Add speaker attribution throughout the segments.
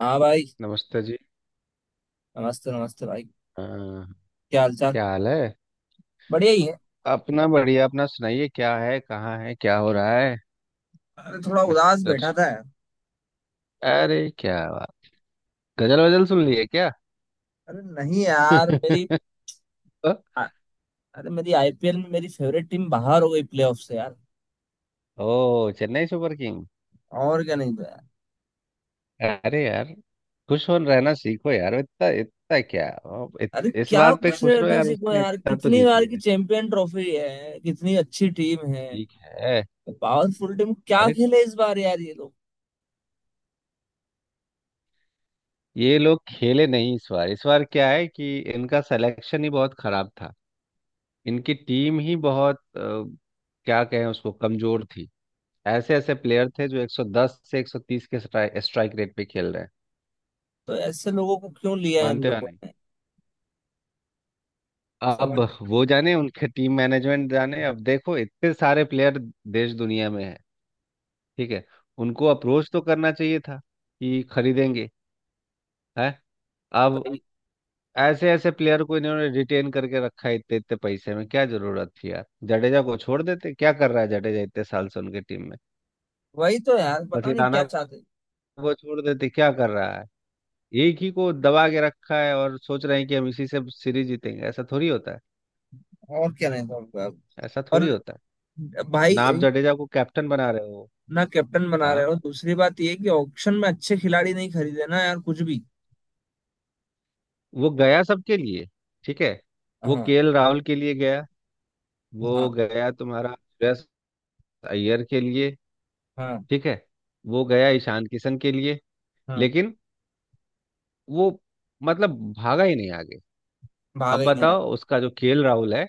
Speaker 1: हाँ भाई।
Speaker 2: नमस्ते जी।
Speaker 1: नमस्ते नमस्ते भाई।
Speaker 2: हाँ,
Speaker 1: क्या हालचाल।
Speaker 2: क्या हाल है।
Speaker 1: बढ़िया ही है।
Speaker 2: अपना बढ़िया, अपना सुनाइए, क्या है, कहाँ है, क्या हो रहा है
Speaker 1: अरे थोड़ा उदास
Speaker 2: मिस्टर?
Speaker 1: बैठा था यार।
Speaker 2: अरे क्या बात, गजल वजल सुन लिए क्या?
Speaker 1: अरे नहीं यार मेरी आ- अरे मेरी आईपीएल में मेरी फेवरेट टीम बाहर हो गई प्लेऑफ से यार।
Speaker 2: ओ, चेन्नई सुपर किंग।
Speaker 1: और क्या, नहीं तो यार।
Speaker 2: अरे यार, खुश हो रहना सीखो यार, इतना इतना क्या
Speaker 1: अरे
Speaker 2: इस
Speaker 1: क्या
Speaker 2: बात पे
Speaker 1: खुश
Speaker 2: खुश रहो
Speaker 1: रहना
Speaker 2: यार,
Speaker 1: सीखो
Speaker 2: उसने
Speaker 1: यार,
Speaker 2: इतना तो
Speaker 1: कितनी
Speaker 2: जीत
Speaker 1: बार की
Speaker 2: लिया।
Speaker 1: चैंपियन ट्रॉफी है, कितनी अच्छी टीम है।
Speaker 2: ठीक है।
Speaker 1: पावरफुल टीम क्या
Speaker 2: अरे
Speaker 1: खेले इस बार यार ये लोग।
Speaker 2: ये लोग खेले नहीं इस बार। इस बार क्या है कि इनका सिलेक्शन ही बहुत खराब था। इनकी टीम ही बहुत क्या कहें उसको, कमजोर थी। ऐसे ऐसे प्लेयर थे जो 110 से 130 के स्ट्राइक रेट पे खेल रहे हैं।
Speaker 1: तो ऐसे लोगों को क्यों लिया है इन
Speaker 2: मानते हो
Speaker 1: लोगों
Speaker 2: नहीं।
Speaker 1: ने।
Speaker 2: अब
Speaker 1: समझ।
Speaker 2: वो जाने, उनके टीम मैनेजमेंट जाने। अब देखो, इतने सारे प्लेयर देश दुनिया में है। ठीक है। उनको अप्रोच तो करना चाहिए था कि खरीदेंगे, है। अब
Speaker 1: वही
Speaker 2: ऐसे ऐसे प्लेयर को इन्होंने रिटेन करके रखा है इतने इतने पैसे में। क्या जरूरत थी यार, जडेजा को छोड़ देते। क्या कर रहा है जडेजा इतने साल से उनके टीम में।
Speaker 1: वही तो यार, पता नहीं
Speaker 2: बथिराना
Speaker 1: क्या चाहते हैं।
Speaker 2: को छोड़ देते, क्या कर रहा है। एक ही को दबा के रखा है और सोच रहे हैं कि हम इसी से सीरीज जीतेंगे। ऐसा थोड़ी होता है।
Speaker 1: और क्या, नहीं समझ पाया।
Speaker 2: ऐसा
Speaker 1: और
Speaker 2: थोड़ी होता है।
Speaker 1: भाई,
Speaker 2: ना आप जडेजा को कैप्टन बना रहे हो।
Speaker 1: ना कैप्टन बना रहे
Speaker 2: हाँ,
Speaker 1: हो, दूसरी बात ये है कि ऑक्शन में अच्छे खिलाड़ी नहीं खरीदे ना यार कुछ भी।
Speaker 2: वो गया सबके लिए। ठीक है। वो
Speaker 1: हाँ।
Speaker 2: केएल राहुल के लिए गया।
Speaker 1: हाँ।
Speaker 2: वो गया तुम्हारा श्रेयस अय्यर के लिए।
Speaker 1: हाँ।
Speaker 2: ठीक है। वो गया ईशान किशन के लिए।
Speaker 1: हाँ।
Speaker 2: लेकिन वो, मतलब भागा ही नहीं आगे।
Speaker 1: भागा
Speaker 2: अब
Speaker 1: ही नहीं
Speaker 2: बताओ
Speaker 1: यार।
Speaker 2: उसका, जो केएल राहुल है,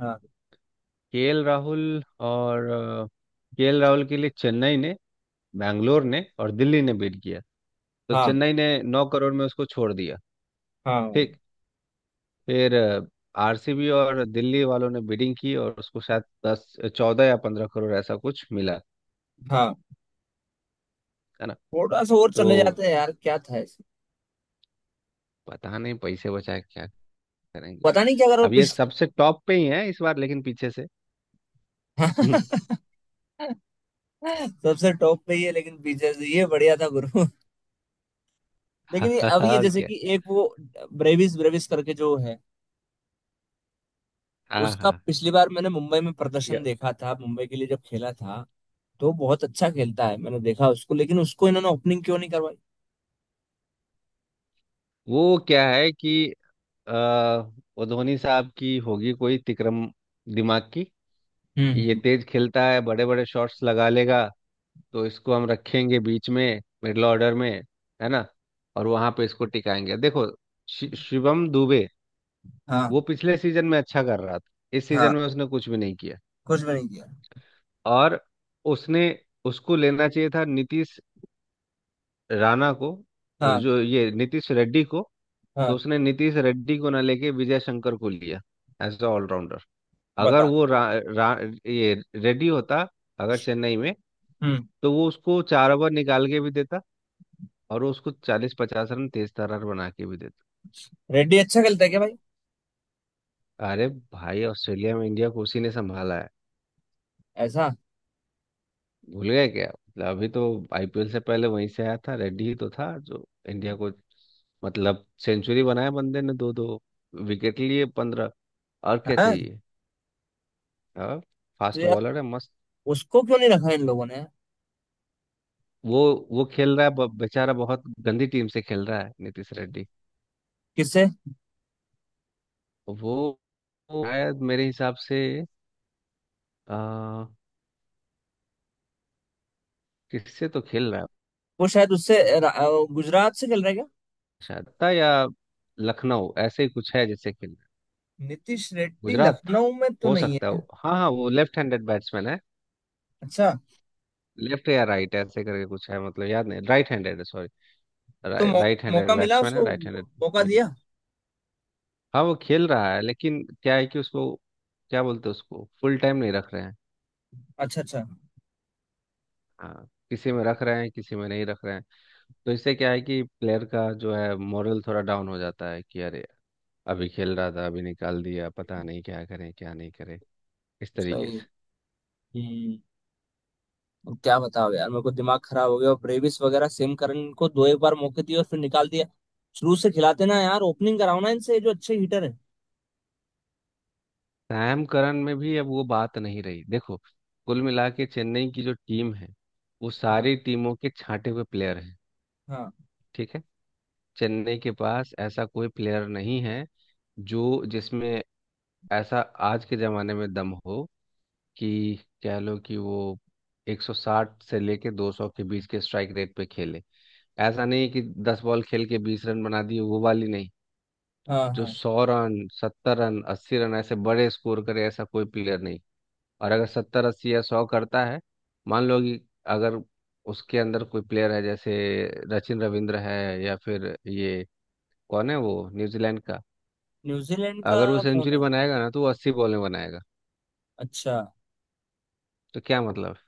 Speaker 1: हाँ।
Speaker 2: केएल राहुल, और केएल राहुल के लिए चेन्नई ने, बैंगलोर ने और दिल्ली ने बीट किया। तो
Speaker 1: हाँ।
Speaker 2: चेन्नई ने 9 करोड़ में उसको छोड़ दिया।
Speaker 1: हाँ भाई।
Speaker 2: ठीक। फिर आरसीबी और दिल्ली वालों ने बिडिंग की और उसको शायद दस चौदह या 15 करोड़ ऐसा कुछ मिला,
Speaker 1: हाँ।
Speaker 2: है ना।
Speaker 1: थोड़ा सा और
Speaker 2: तो
Speaker 1: चले जाते हैं यार, क्या था इसमें।
Speaker 2: पता नहीं पैसे बचाए क्या करेंगे।
Speaker 1: पता नहीं क्या करो
Speaker 2: अब ये
Speaker 1: पिछ।
Speaker 2: सबसे टॉप पे ही है इस बार, लेकिन पीछे से हम्म,
Speaker 1: सबसे टॉप पे ही है लेकिन पीछे से ये बढ़िया था गुरु। लेकिन ये अब ये
Speaker 2: और
Speaker 1: जैसे
Speaker 2: क्या।
Speaker 1: कि एक वो ब्रेविस ब्रेविस करके जो है,
Speaker 2: हाँ
Speaker 1: उसका
Speaker 2: हाँ।
Speaker 1: पिछली बार मैंने मुंबई में प्रदर्शन
Speaker 2: ये-
Speaker 1: देखा था, मुंबई के लिए जब खेला था। तो बहुत अच्छा खेलता है, मैंने देखा उसको, लेकिन उसको इन्होंने ओपनिंग क्यों नहीं करवाई।
Speaker 2: वो क्या है कि आ, वो धोनी साहब की होगी कोई तिक्रम दिमाग की,
Speaker 1: हम्म।
Speaker 2: कि ये
Speaker 1: हम्म।
Speaker 2: तेज खेलता है, बड़े बड़े शॉट्स लगा लेगा, तो इसको हम रखेंगे बीच में मिडिल ऑर्डर में, है ना, और वहां पे इसको टिकाएंगे। देखो शिवम दुबे, वो
Speaker 1: हाँ।
Speaker 2: पिछले सीजन में अच्छा कर रहा था, इस
Speaker 1: हाँ।
Speaker 2: सीजन में उसने कुछ भी नहीं किया।
Speaker 1: कुछ भी नहीं किया।
Speaker 2: और उसने, उसको लेना चाहिए था नीतीश राणा को,
Speaker 1: हाँ।
Speaker 2: जो ये नीतीश रेड्डी को। तो
Speaker 1: हाँ।
Speaker 2: उसने नीतीश रेड्डी को ना लेके विजय शंकर को लिया एज अ ऑलराउंडर। अगर
Speaker 1: बता।
Speaker 2: वो रा, रा, ये रेड्डी होता अगर चेन्नई में,
Speaker 1: हम्म।
Speaker 2: तो वो उसको 4 ओवर निकाल के भी देता और वो उसको 40 50 रन तेज तर्रार बना के भी देता।
Speaker 1: रेड्डी अच्छा खेलता है क्या भाई।
Speaker 2: अरे भाई, ऑस्ट्रेलिया में इंडिया को उसी ने संभाला है।
Speaker 1: ऐसा।
Speaker 2: भूल गए क्या? मतलब अभी तो आईपीएल से पहले वहीं से आया था, रेड्डी ही तो था जो इंडिया को, मतलब सेंचुरी बनाया बंदे ने, दो दो विकेट लिए, 15। और क्या
Speaker 1: हाँ।
Speaker 2: चाहिए? हाँ,
Speaker 1: तो
Speaker 2: फास्ट
Speaker 1: यार
Speaker 2: बॉलर है मस्त।
Speaker 1: उसको क्यों नहीं रखा इन लोगों ने यार?
Speaker 2: वो वो खेल रहा है बेचारा बहुत गंदी टीम से खेल रहा है नीतीश रेड्डी।
Speaker 1: किससे।
Speaker 2: वो वो शायद मेरे हिसाब से आ, किससे तो खेल रहा है,
Speaker 1: वो शायद उससे गुजरात से खेल रहा है क्या।
Speaker 2: शारदा या लखनऊ ऐसे ही कुछ है, जैसे कि
Speaker 1: नीतीश रेड्डी
Speaker 2: गुजरात,
Speaker 1: लखनऊ में तो
Speaker 2: हो
Speaker 1: नहीं
Speaker 2: सकता है।
Speaker 1: है।
Speaker 2: हाँ हाँ, वो लेफ्ट हैंडेड बैट्समैन है।
Speaker 1: अच्छा।
Speaker 2: लेफ्ट या राइट ऐसे करके कुछ है, मतलब याद नहीं। राइट हैंडेड है, सॉरी।
Speaker 1: तो
Speaker 2: राइट हैंडेड
Speaker 1: मौका मिला
Speaker 2: बैट्समैन है,
Speaker 1: उसको।
Speaker 2: राइट हैंडेड
Speaker 1: मौका
Speaker 2: मीडियम।
Speaker 1: दिया।
Speaker 2: हाँ वो खेल रहा है, लेकिन क्या है कि उसको क्या बोलते हैं, उसको फुल टाइम नहीं रख रहे हैं।
Speaker 1: अच्छा अच्छा।
Speaker 2: हाँ, किसी में रख रहे हैं, किसी में नहीं रख रहे हैं। तो इससे क्या है कि प्लेयर का जो है मोरल थोड़ा डाउन हो जाता है कि अरे, अभी खेल रहा था, अभी निकाल दिया, पता नहीं क्या करें क्या नहीं करें, इस तरीके
Speaker 1: सही है।
Speaker 2: से।
Speaker 1: हम्म। अब क्या बताओ यार, मेरे को दिमाग खराब हो गया और ब्रेविस वगैरह सेमकरन को दो एक बार मौके दिए और फिर निकाल दिया। शुरू से खिलाते ना यार, ओपनिंग कराओ ना इनसे जो अच्छे हीटर है।
Speaker 2: सैम करन में भी अब वो बात नहीं रही। देखो, कुल मिला के चेन्नई की जो टीम है, वो
Speaker 1: हाँ।
Speaker 2: सारी टीमों के छांटे हुए प्लेयर हैं।
Speaker 1: हाँ।
Speaker 2: ठीक है। चेन्नई के पास ऐसा कोई प्लेयर नहीं है जो, जिसमें ऐसा आज के ज़माने में दम हो कि, कह लो कि वो 160 से लेके 200 के बीच के स्ट्राइक रेट पे खेले। ऐसा नहीं कि 10 बॉल खेल के 20 रन बना दिए, वो वाली नहीं,
Speaker 1: हाँ।
Speaker 2: जो
Speaker 1: हाँ।
Speaker 2: 100 रन, 70 रन, 80 रन ऐसे बड़े स्कोर करे, ऐसा कोई प्लेयर नहीं। और अगर सत्तर अस्सी या सौ करता है, मान लो कि, अगर उसके अंदर कोई प्लेयर है जैसे सचिन रविंद्र है या फिर ये, कौन है वो न्यूजीलैंड का,
Speaker 1: न्यूजीलैंड का।
Speaker 2: अगर वो
Speaker 1: कौन
Speaker 2: सेंचुरी
Speaker 1: है।
Speaker 2: बनाएगा ना तो वो 80 बॉल में बनाएगा।
Speaker 1: अच्छा।
Speaker 2: तो क्या मतलब है?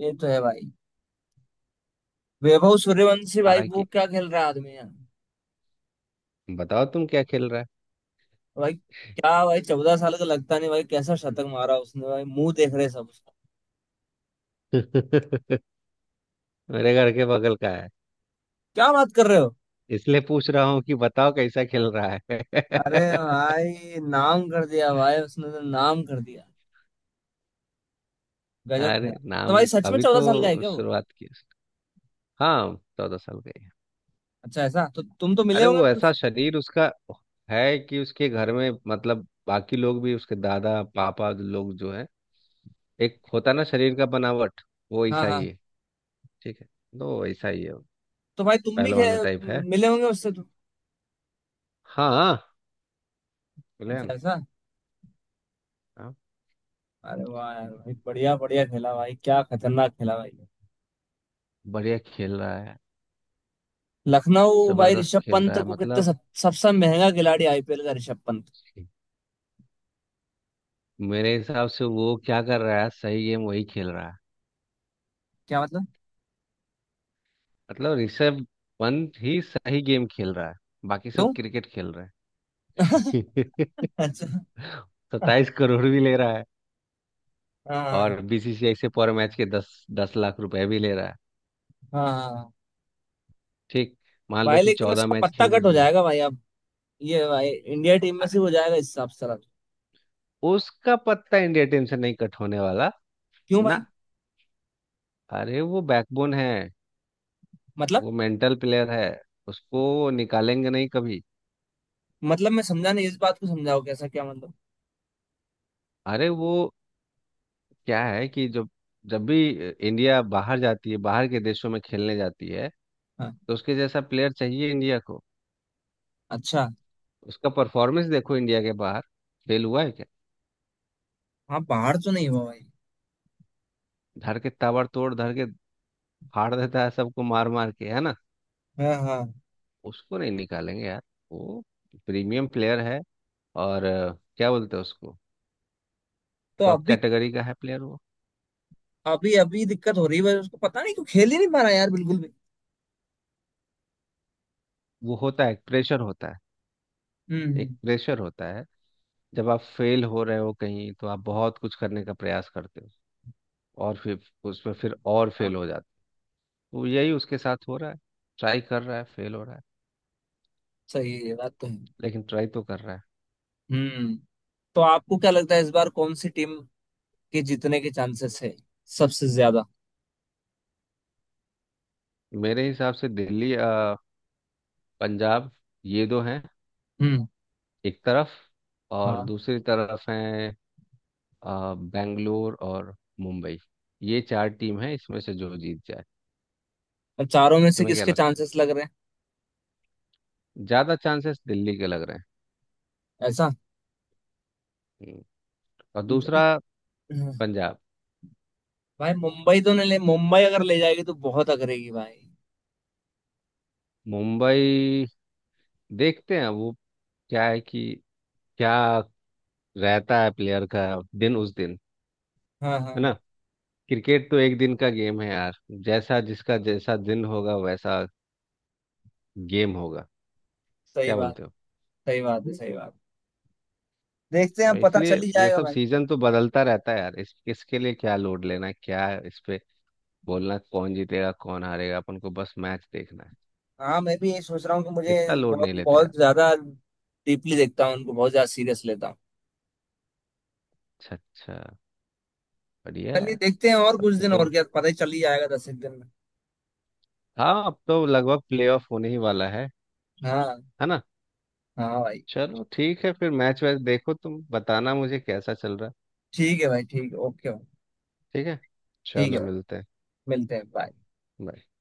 Speaker 1: ये तो है भाई। वैभव सूर्यवंशी भाई, वो
Speaker 2: हालांकि
Speaker 1: क्या खेल रहा है आदमी यार।
Speaker 2: बताओ, तुम क्या खेल रहा है?
Speaker 1: भाई क्या भाई, 14 साल का लगता नहीं भाई, कैसा शतक मारा उसने भाई, मुंह देख रहे सब उसका।
Speaker 2: मेरे घर के बगल का है,
Speaker 1: क्या बात कर रहे हो।
Speaker 2: इसलिए पूछ रहा हूँ कि बताओ कैसा खेल रहा है।
Speaker 1: अरे भाई नाम कर दिया भाई, उसने तो नाम कर दिया। गजब
Speaker 2: अरे
Speaker 1: खेला। तो
Speaker 2: नाम।
Speaker 1: भाई सच में
Speaker 2: अभी
Speaker 1: चौदह
Speaker 2: तो
Speaker 1: साल का है क्या वो।
Speaker 2: शुरुआत की है उसने। हाँ 14 साल का।
Speaker 1: अच्छा ऐसा, तो तुम तो मिले
Speaker 2: अरे
Speaker 1: होंगे
Speaker 2: वो ऐसा
Speaker 1: कुछ।
Speaker 2: शरीर उसका है कि उसके घर में, मतलब बाकी लोग भी, उसके दादा पापा लोग जो है, एक होता ना शरीर का बनावट, वो
Speaker 1: हाँ
Speaker 2: वैसा
Speaker 1: हाँ।
Speaker 2: ही है। ठीक है। तो वैसा ही है वो,
Speaker 1: तो भाई तुम भी खे,
Speaker 2: पहलवानों टाइप है।
Speaker 1: मिले होंगे उससे तो।
Speaker 2: हाँ हाँ, बोले
Speaker 1: अच्छा
Speaker 2: ना।
Speaker 1: ऐसा।
Speaker 2: हाँ,
Speaker 1: अरे वाह यार भाई, बढ़िया बढ़िया खेला भाई, क्या खतरनाक खेला भाई।
Speaker 2: बढ़िया खेल रहा है,
Speaker 1: लखनऊ भाई
Speaker 2: जबरदस्त
Speaker 1: ऋषभ
Speaker 2: खेल रहा
Speaker 1: पंत
Speaker 2: है।
Speaker 1: को कितने
Speaker 2: मतलब
Speaker 1: सबसे महंगा खिलाड़ी आईपीएल का ऋषभ पंत।
Speaker 2: मेरे हिसाब से वो क्या कर रहा है, सही गेम वही खेल रहा है।
Speaker 1: क्या मतलब।
Speaker 2: मतलब ऋषभ पंत ही सही गेम खेल रहा है, बाकी
Speaker 1: क्यों।
Speaker 2: सब क्रिकेट खेल रहे हैं।
Speaker 1: अच्छा।
Speaker 2: 27 करोड़ भी ले रहा,
Speaker 1: हाँ
Speaker 2: और बीसीसीआई से पर मैच के 10 10 लाख रुपए भी ले रहा है।
Speaker 1: हाँ
Speaker 2: ठीक, मान लो
Speaker 1: भाई,
Speaker 2: कि
Speaker 1: लेकिन
Speaker 2: चौदह
Speaker 1: उसका
Speaker 2: मैच
Speaker 1: पत्ता
Speaker 2: खेले
Speaker 1: कट हो
Speaker 2: उसने।
Speaker 1: जाएगा भाई अब। ये भाई इंडिया
Speaker 2: तो
Speaker 1: टीम में से
Speaker 2: अरे,
Speaker 1: हो जाएगा इस हिसाब से रख।
Speaker 2: उसका पत्ता इंडिया टीम से नहीं कट होने वाला
Speaker 1: क्यों
Speaker 2: ना।
Speaker 1: भाई।
Speaker 2: अरे वो बैकबोन है,
Speaker 1: मतलब।
Speaker 2: वो मेंटल प्लेयर है, उसको निकालेंगे नहीं कभी।
Speaker 1: मतलब मैं समझा नहीं, इस बात को समझाओ कैसा क्या मतलब।
Speaker 2: अरे वो क्या है कि जब, जब भी इंडिया बाहर जाती है, बाहर के देशों में खेलने जाती है,
Speaker 1: हाँ।
Speaker 2: तो उसके जैसा प्लेयर चाहिए इंडिया को।
Speaker 1: अच्छा।
Speaker 2: उसका परफॉर्मेंस देखो इंडिया के बाहर, फेल हुआ है क्या?
Speaker 1: हाँ बाहर तो नहीं हुआ भाई।
Speaker 2: धर के ताबड़तोड़, धर के फाड़ देता है सबको, मार मार के, है ना।
Speaker 1: हाँ हाँ।
Speaker 2: उसको नहीं निकालेंगे यार, वो प्रीमियम प्लेयर है और क्या बोलते हैं उसको,
Speaker 1: तो
Speaker 2: टॉप
Speaker 1: अभी।
Speaker 2: कैटेगरी का है प्लेयर वो।
Speaker 1: अभी दिक्कत हो रही है भाई उसको, पता नहीं क्यों खेल ही नहीं पा रहा यार बिल्कुल भी।
Speaker 2: वो होता है एक प्रेशर होता है, एक
Speaker 1: हम्म।
Speaker 2: प्रेशर होता है। जब आप फेल हो रहे हो कहीं, तो आप बहुत कुछ करने का प्रयास करते हो और फिर उसमें फिर और
Speaker 1: हाँ।
Speaker 2: फेल हो जाते हो। तो यही उसके साथ हो रहा है, ट्राई कर रहा है, फेल हो रहा है,
Speaker 1: सही है, ये बात तो है।
Speaker 2: लेकिन ट्राई तो कर रहा है।
Speaker 1: हम्म। तो आपको क्या लगता है इस बार कौन सी टीम के जीतने के चांसेस है सबसे ज्यादा।
Speaker 2: मेरे हिसाब से दिल्ली, पंजाब, ये दो हैं
Speaker 1: हम्म।
Speaker 2: एक तरफ, और
Speaker 1: हाँ।
Speaker 2: दूसरी तरफ है बेंगलोर और मुंबई। ये चार टीम है, इसमें से जो जीत जाए।
Speaker 1: अब चारों में से
Speaker 2: तुम्हें क्या
Speaker 1: किसके
Speaker 2: लगता
Speaker 1: चांसेस लग रहे
Speaker 2: है? ज्यादा चांसेस दिल्ली के लग रहे हैं।
Speaker 1: हैं ऐसा।
Speaker 2: हम्म। और दूसरा
Speaker 1: दिल-, हाँ,
Speaker 2: पंजाब।
Speaker 1: भाई मुंबई तो नहीं ले, मुंबई अगर ले जाएगी तो बहुत अगरेगी भाई।
Speaker 2: मुंबई देखते हैं, वो क्या है कि, क्या रहता है प्लेयर का दिन उस दिन,
Speaker 1: हाँ हाँ।
Speaker 2: है ना। क्रिकेट तो एक दिन का गेम है यार, जैसा जिसका जैसा दिन होगा वैसा गेम होगा,
Speaker 1: सही
Speaker 2: क्या
Speaker 1: बात,
Speaker 2: बोलते हो।
Speaker 1: सही बात है सही बात। देखते हैं,
Speaker 2: और
Speaker 1: पता चल
Speaker 2: इसलिए
Speaker 1: ही
Speaker 2: ये
Speaker 1: जाएगा
Speaker 2: सब
Speaker 1: भाई।
Speaker 2: सीजन तो बदलता रहता है यार, इस किसके लिए क्या लोड लेना है, क्या इस पे बोलना कौन जीतेगा कौन हारेगा, अपन को बस मैच देखना है।
Speaker 1: हाँ, मैं भी ये सोच रहा हूँ कि मुझे
Speaker 2: इतना लोड
Speaker 1: बहुत
Speaker 2: नहीं लेते
Speaker 1: बहुत
Speaker 2: यार।
Speaker 1: ज्यादा डीपली देखता हूँ उनको, बहुत ज्यादा सीरियस लेता हूँ।
Speaker 2: अच्छा अच्छा, बढ़िया
Speaker 1: चलिए
Speaker 2: है।
Speaker 1: देखते हैं और
Speaker 2: तब
Speaker 1: कुछ
Speaker 2: तो
Speaker 1: दिन, और
Speaker 2: तुम,
Speaker 1: क्या पता ही चल ही जाएगा 10 एक दिन में।
Speaker 2: हाँ अब तो लगभग प्लेऑफ होने ही वाला है
Speaker 1: हाँ
Speaker 2: है ना।
Speaker 1: हाँ भाई।
Speaker 2: चलो ठीक है, फिर मैच वैच देखो, तुम बताना मुझे कैसा चल रहा है।
Speaker 1: ठीक है भाई ठीक है, ओके भाई।
Speaker 2: ठीक है,
Speaker 1: ठीक
Speaker 2: चलो
Speaker 1: है,
Speaker 2: मिलते हैं।
Speaker 1: मिलते हैं, बाय।
Speaker 2: Bye.